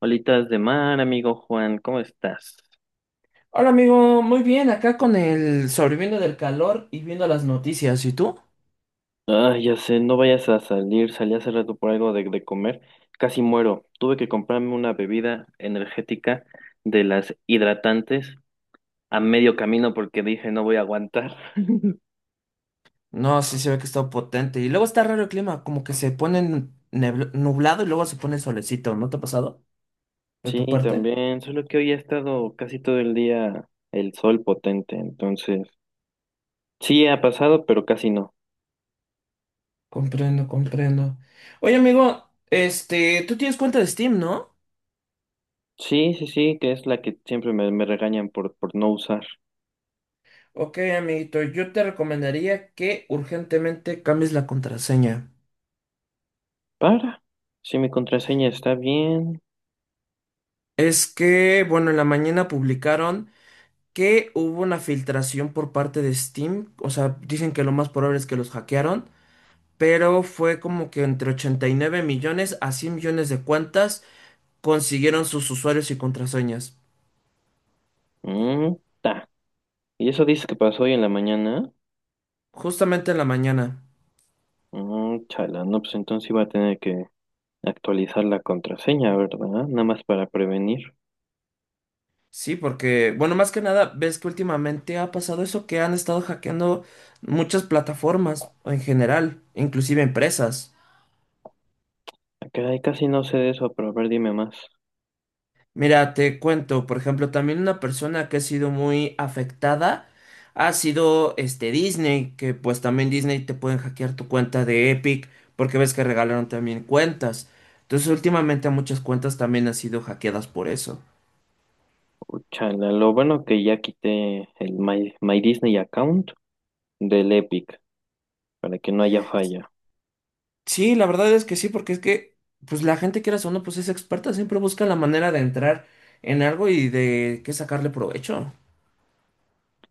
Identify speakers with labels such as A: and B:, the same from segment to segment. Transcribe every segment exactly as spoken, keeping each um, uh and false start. A: Olitas de mar, amigo Juan, ¿cómo estás?
B: Hola amigo, muy bien, acá con el sobreviviendo del calor y viendo las noticias, ¿y tú?
A: Ah, ya sé, no vayas a salir, salí hace rato por algo de, de comer, casi muero. Tuve que comprarme una bebida energética de las hidratantes a medio camino porque dije no voy a aguantar.
B: No, sí se ve que está potente. Y luego está raro el clima, como que se pone nebl- nublado y luego se pone solecito, ¿no te ha pasado? ¿De
A: Sí,
B: tu parte?
A: también, solo que hoy ha estado casi todo el día el sol potente, entonces sí ha pasado, pero casi no.
B: Comprendo, comprendo. Oye amigo, este, tú tienes cuenta de Steam, ¿no?
A: Sí, sí, sí, que es la que siempre me, me regañan por, por no usar.
B: Ok, amiguito, yo te recomendaría que urgentemente cambies la contraseña.
A: Para, si mi contraseña está bien.
B: Es que, bueno, en la mañana publicaron que hubo una filtración por parte de Steam. O sea, dicen que lo más probable es que los hackearon, pero fue como que entre ochenta y nueve millones a cien millones de cuentas consiguieron sus usuarios y contraseñas.
A: Mm, ta. ¿Y eso dices que pasó hoy en la mañana?
B: Justamente en la mañana.
A: Mm, chala, no, pues entonces iba a tener que actualizar la contraseña, ¿verdad? Nada más para prevenir.
B: Sí, porque, bueno, más que nada, ves que últimamente ha pasado eso que han estado hackeando muchas plataformas en general, inclusive empresas.
A: Ah, caray, casi no sé de eso, pero a ver, dime más.
B: Mira, te cuento, por ejemplo, también una persona que ha sido muy afectada ha sido este Disney, que pues también Disney te pueden hackear tu cuenta de Epic, porque ves que regalaron también cuentas. Entonces, últimamente muchas cuentas también han sido hackeadas por eso.
A: Uh, Chala, lo bueno que ya quité el My, My Disney account del Epic para que no haya falla.
B: Sí, la verdad es que sí, porque es que pues la gente quieras o no, pues es experta, siempre busca la manera de entrar en algo y de qué sacarle provecho.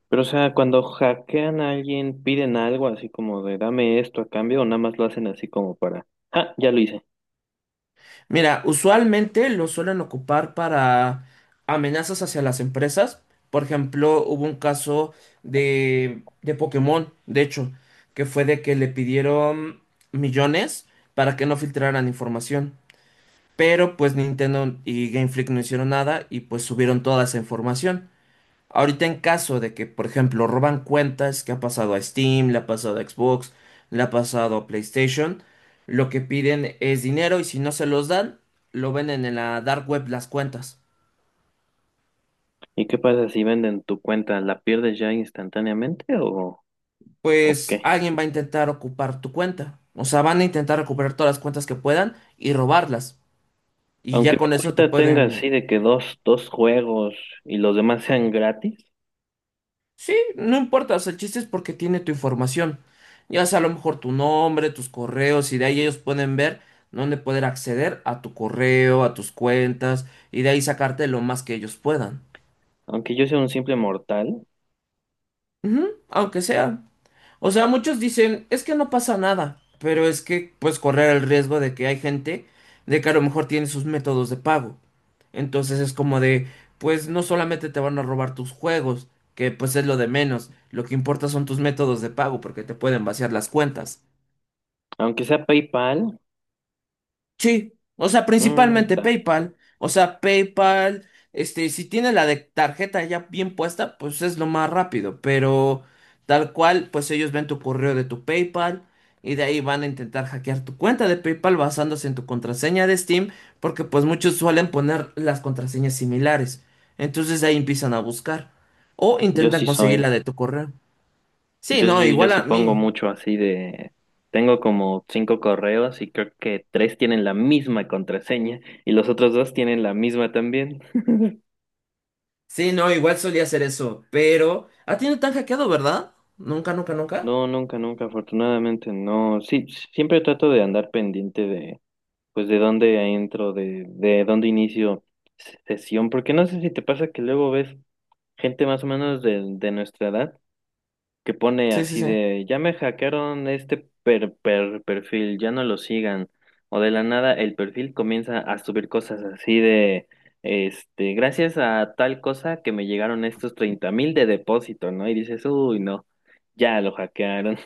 A: Pero, o sea, cuando hackean a alguien, piden algo así como de dame esto a cambio, o nada más lo hacen así como para, ah, ya lo hice.
B: Mira, usualmente lo suelen ocupar para amenazas hacia las empresas. Por ejemplo, hubo un caso de, de Pokémon, de hecho, que fue de que le pidieron millones para que no filtraran información. Pero pues Nintendo y Game Freak no hicieron nada y pues subieron toda esa información. Ahorita en caso de que, por ejemplo, roban cuentas que ha pasado a Steam, le ha pasado a Xbox, le ha pasado a PlayStation, lo que piden es dinero y si no se los dan, lo venden en la dark web las cuentas.
A: ¿Y qué pasa si venden tu cuenta? ¿La pierdes ya instantáneamente o, o
B: Pues
A: qué?
B: alguien va a intentar ocupar tu cuenta. O sea, van a intentar recuperar todas las cuentas que puedan y robarlas. Y
A: Aunque
B: ya
A: mi
B: con eso te
A: cuenta tenga así
B: pueden.
A: de que dos, dos juegos y los demás sean gratis,
B: Sí, no importa, o sea, el chiste es porque tiene tu información. Ya sea a lo mejor tu nombre, tus correos, y de ahí ellos pueden ver dónde poder acceder a tu correo, a tus cuentas, y de ahí sacarte lo más que ellos puedan.
A: aunque yo sea un simple mortal,
B: Ujú, aunque sea. O sea, muchos dicen, es que no pasa nada, pero es que puedes correr el riesgo de que hay gente de que a lo mejor tiene sus métodos de pago. Entonces es como de, pues no solamente te van a robar tus juegos, que pues es lo de menos, lo que importa son tus métodos de pago porque te pueden vaciar las cuentas.
A: aunque sea PayPal,
B: Sí, o sea,
A: mm,
B: principalmente
A: ta,
B: PayPal. O sea, PayPal, este, si tiene la de tarjeta ya bien puesta, pues es lo más rápido. Pero tal cual, pues ellos ven tu correo de tu PayPal y de ahí van a intentar hackear tu cuenta de PayPal basándose en tu contraseña de Steam, porque pues muchos suelen poner las contraseñas similares. Entonces de ahí empiezan a buscar o
A: yo
B: intentan
A: sí
B: conseguir
A: soy.
B: la de tu correo. Sí,
A: Yo
B: no,
A: sí, yo
B: igual
A: sí
B: a
A: pongo
B: mí.
A: mucho así de... Tengo como cinco correos y creo que tres tienen la misma contraseña y los otros dos tienen la misma también.
B: Sí, no, igual solía hacer eso, pero... ¿A ti no te han hackeado, verdad? Nunca, nunca, nunca.
A: No, nunca, nunca, afortunadamente no. Sí, siempre trato de andar pendiente de pues de dónde entro, de, de dónde inicio sesión, porque no sé si te pasa que luego ves gente más o menos de, de nuestra edad que pone
B: Sí, sí,
A: así
B: sí.
A: de, ya me hackearon este per, per- perfil, ya no lo sigan, o de la nada el perfil comienza a subir cosas así de, este, gracias a tal cosa que me llegaron estos treinta mil de depósito, ¿no? Y dices, uy, no, ya lo hackearon.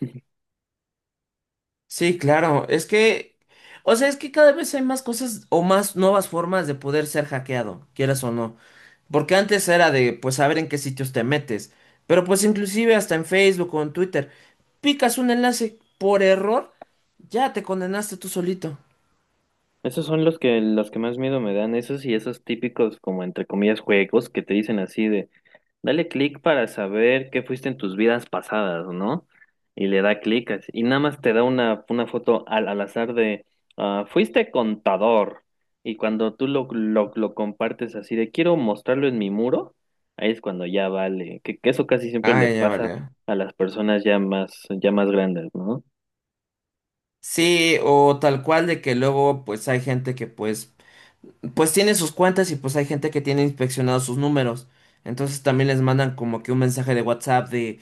B: Sí, claro, es que... O sea, es que cada vez hay más cosas o más nuevas formas de poder ser hackeado, quieras o no. Porque antes era de, pues, saber en qué sitios te metes. Pero pues inclusive hasta en Facebook o en Twitter, picas un enlace por error, ya te condenaste tú solito.
A: Esos son los que, los que más miedo me dan, esos y esos típicos como entre comillas juegos que te dicen así de dale clic para saber qué fuiste en tus vidas pasadas, ¿no? Y le da clic así, y nada más te da una, una foto al, al azar de ah, fuiste contador. Y cuando tú lo, lo, lo compartes así de quiero mostrarlo en mi muro, ahí es cuando ya vale, que, que eso casi siempre
B: Ah,
A: le
B: ya
A: pasa
B: vale.
A: a las personas ya más, ya más grandes, ¿no?
B: Sí, o tal cual de que luego pues hay gente que pues pues tiene sus cuentas y pues hay gente que tiene inspeccionados sus números. Entonces también les mandan como que un mensaje de WhatsApp de,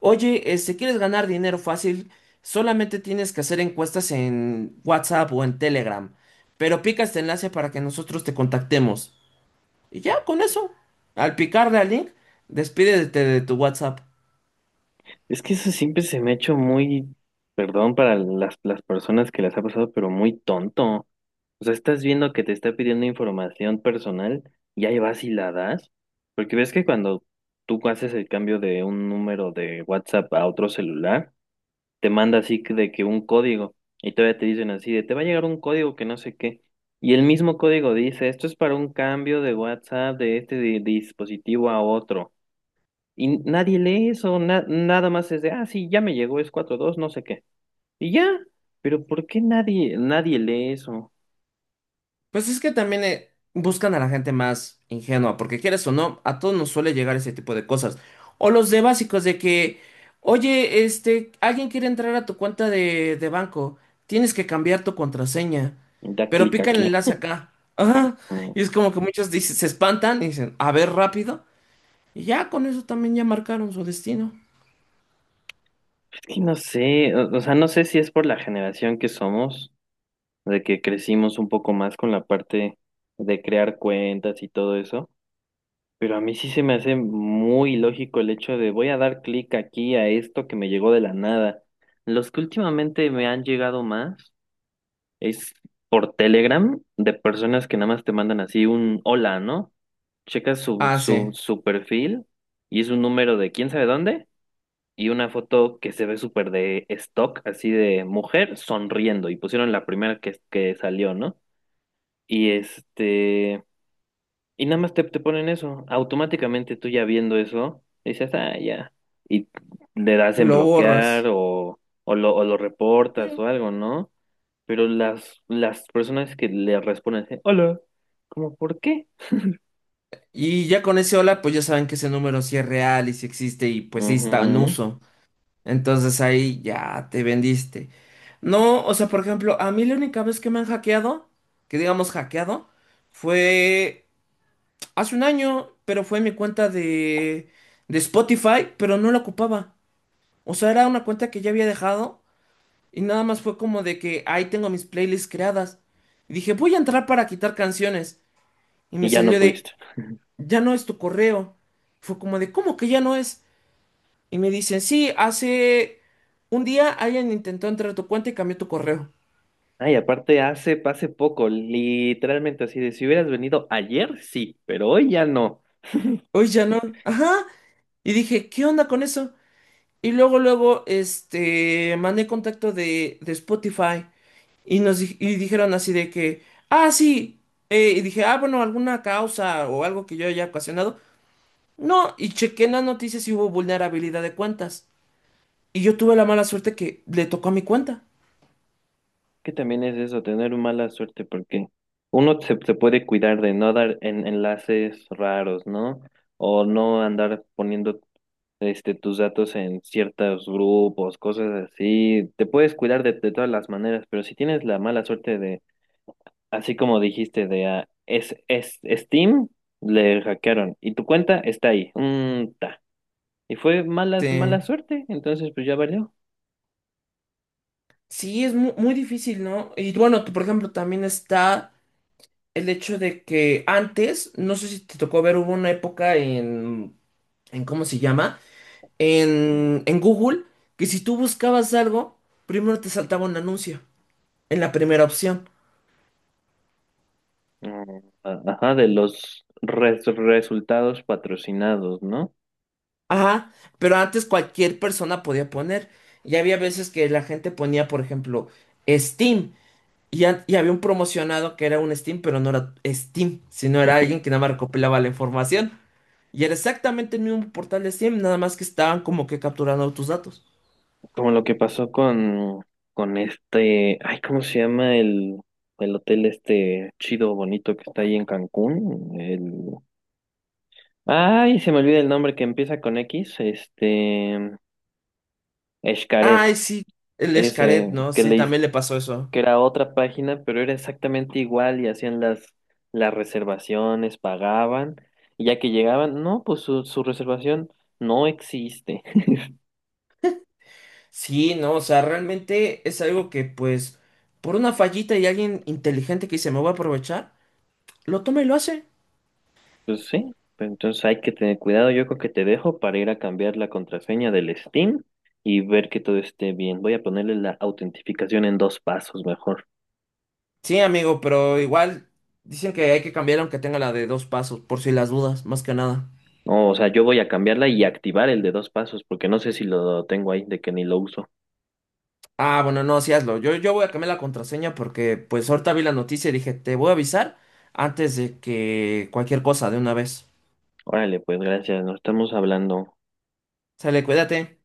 B: oye, este, ¿quieres ganar dinero fácil? Solamente tienes que hacer encuestas en WhatsApp o en Telegram. Pero pica este enlace para que nosotros te contactemos. Y ya, con eso. Al picarle al link, despídete de tu WhatsApp.
A: Es que eso siempre se me ha hecho muy, perdón para las, las personas que las ha pasado, pero muy tonto. O sea, estás viendo que te está pidiendo información personal y ahí vas y la das. Porque ves que cuando tú haces el cambio de un número de WhatsApp a otro celular, te manda así que- de que un código y todavía te dicen así de te va a llegar un código que no sé qué. Y el mismo código dice, esto es para un cambio de WhatsApp de este di- dispositivo a otro. Y nadie lee eso, na- nada más es de, ah, sí, ya me llegó, es cuatro dos no sé qué. Y ya, pero ¿por qué nadie, nadie lee eso?
B: Pues es que también eh, buscan a la gente más ingenua, porque quieres o no, a todos nos suele llegar ese tipo de cosas. O los de básicos de que, oye, este, alguien quiere entrar a tu cuenta de, de banco, tienes que cambiar tu contraseña,
A: Da
B: pero
A: clic
B: pica el
A: aquí.
B: enlace acá. Ajá.
A: Mm,
B: Y es como que muchos dicen, se espantan y dicen, a ver rápido, y ya con eso también ya marcaron su destino.
A: es que no sé, o, o sea, no sé si es por la generación que somos, de que crecimos un poco más con la parte de crear cuentas y todo eso, pero a mí sí se me hace muy lógico el hecho de voy a dar clic aquí a esto que me llegó de la nada. Los que últimamente me han llegado más. Es por Telegram de personas que nada más te mandan así un hola, ¿no? Checas su,
B: Ah,
A: su,
B: sí,
A: su perfil y es un número de quién sabe dónde y una foto que se ve súper de stock, así de mujer sonriendo y pusieron la primera que, que salió, ¿no? Y este, y nada más te, te ponen eso. Automáticamente tú ya viendo eso, dices, ah, ya. Y le das en
B: lo
A: bloquear
B: borras.
A: o, o lo, o lo reportas o algo, ¿no? Pero las, las personas que le responden así, hola, ¿cómo por qué?
B: Y ya con ese hola, pues ya saben que ese número sí es real y sí existe y pues sí está en
A: Ujú,
B: uso. Entonces ahí ya te vendiste. No, o sea, por ejemplo, a mí la única vez que me han hackeado, que digamos hackeado, fue hace un año, pero fue en mi cuenta de, de Spotify, pero no la ocupaba. O sea, era una cuenta que ya había dejado y nada más fue como de que ahí tengo mis playlists creadas. Y dije, voy a entrar para quitar canciones. Y me
A: y ya no
B: salió de,
A: pudiste.
B: ya no es tu correo. Fue como de, ¿cómo que ya no es? Y me dicen, sí, hace un día alguien intentó entrar a tu cuenta y cambió tu correo.
A: Ay, aparte hace, hace poco, literalmente así de si hubieras venido ayer, sí, pero hoy ya no.
B: Hoy ya no. Ajá. Y dije, ¿qué onda con eso? Y luego, luego, este, mandé contacto de, de Spotify y nos di- y dijeron así de que, ah, sí. Eh, y dije, ah, bueno, alguna causa o algo que yo haya ocasionado. No, y chequé en las noticias y hubo vulnerabilidad de cuentas. Y yo tuve la mala suerte que le tocó a mi cuenta.
A: Que también es eso, tener mala suerte, porque uno se, se puede cuidar de no dar en- enlaces raros, ¿no? O no andar poniendo este tus datos en ciertos grupos, cosas así. Te puedes cuidar de, de todas las maneras, pero si tienes la mala suerte de así como dijiste de ah, es, es Steam, le hackearon y tu cuenta está ahí. Mm, ta. Y fue malas,
B: Este,
A: mala suerte, entonces pues ya valió.
B: sí, es mu- muy, difícil, ¿no? Y bueno, por ejemplo, también está el hecho de que antes, no sé si te tocó ver, hubo una época en, en ¿cómo se llama? En, en Google, que si tú buscabas algo, primero te saltaba un anuncio, en la primera opción.
A: Mm, a- Ajá, de los res- resultados patrocinados, ¿no?
B: Ajá, pero antes cualquier persona podía poner. Y había veces que la gente ponía, por ejemplo, Steam. Y, an- y había un promocionado que era un Steam, pero no era Steam, sino era alguien que nada más recopilaba la información. Y era exactamente el mismo portal de Steam, nada más que estaban como que capturando tus datos.
A: Como lo que pasó con, con este, ay, ¿cómo se llama el, el hotel este chido, bonito que está ahí en Cancún? El, ay, se me olvida el nombre que empieza con X, este, Xcaret.
B: Ay, sí, el Escaret,
A: Ese
B: ¿no?
A: que
B: Sí,
A: le,
B: también le pasó eso.
A: que era otra página, pero era exactamente igual y hacían las, las reservaciones, pagaban, y ya que llegaban, no, pues su, su reservación no existe.
B: Sí, no, o sea, realmente es algo que, pues, por una fallita y alguien inteligente que dice, me voy a aprovechar, lo toma y lo hace.
A: Pues sí, pero entonces hay que tener cuidado, yo creo que te dejo para ir a cambiar la contraseña del Steam y ver que todo esté bien. Voy a ponerle la autentificación en dos pasos mejor.
B: Sí, amigo, pero igual dicen que hay que cambiar aunque tenga la de dos pasos, por si las dudas, más que nada.
A: No, o sea, yo voy a cambiarla y activar el de dos pasos, porque no sé si lo tengo ahí, de que ni lo uso.
B: Ah, bueno, no, sí hazlo. Yo, yo voy a cambiar la contraseña porque, pues, ahorita vi la noticia y dije, te voy a avisar antes de que cualquier cosa de una vez.
A: Órale, pues gracias, nos estamos hablando.
B: Sale, cuídate.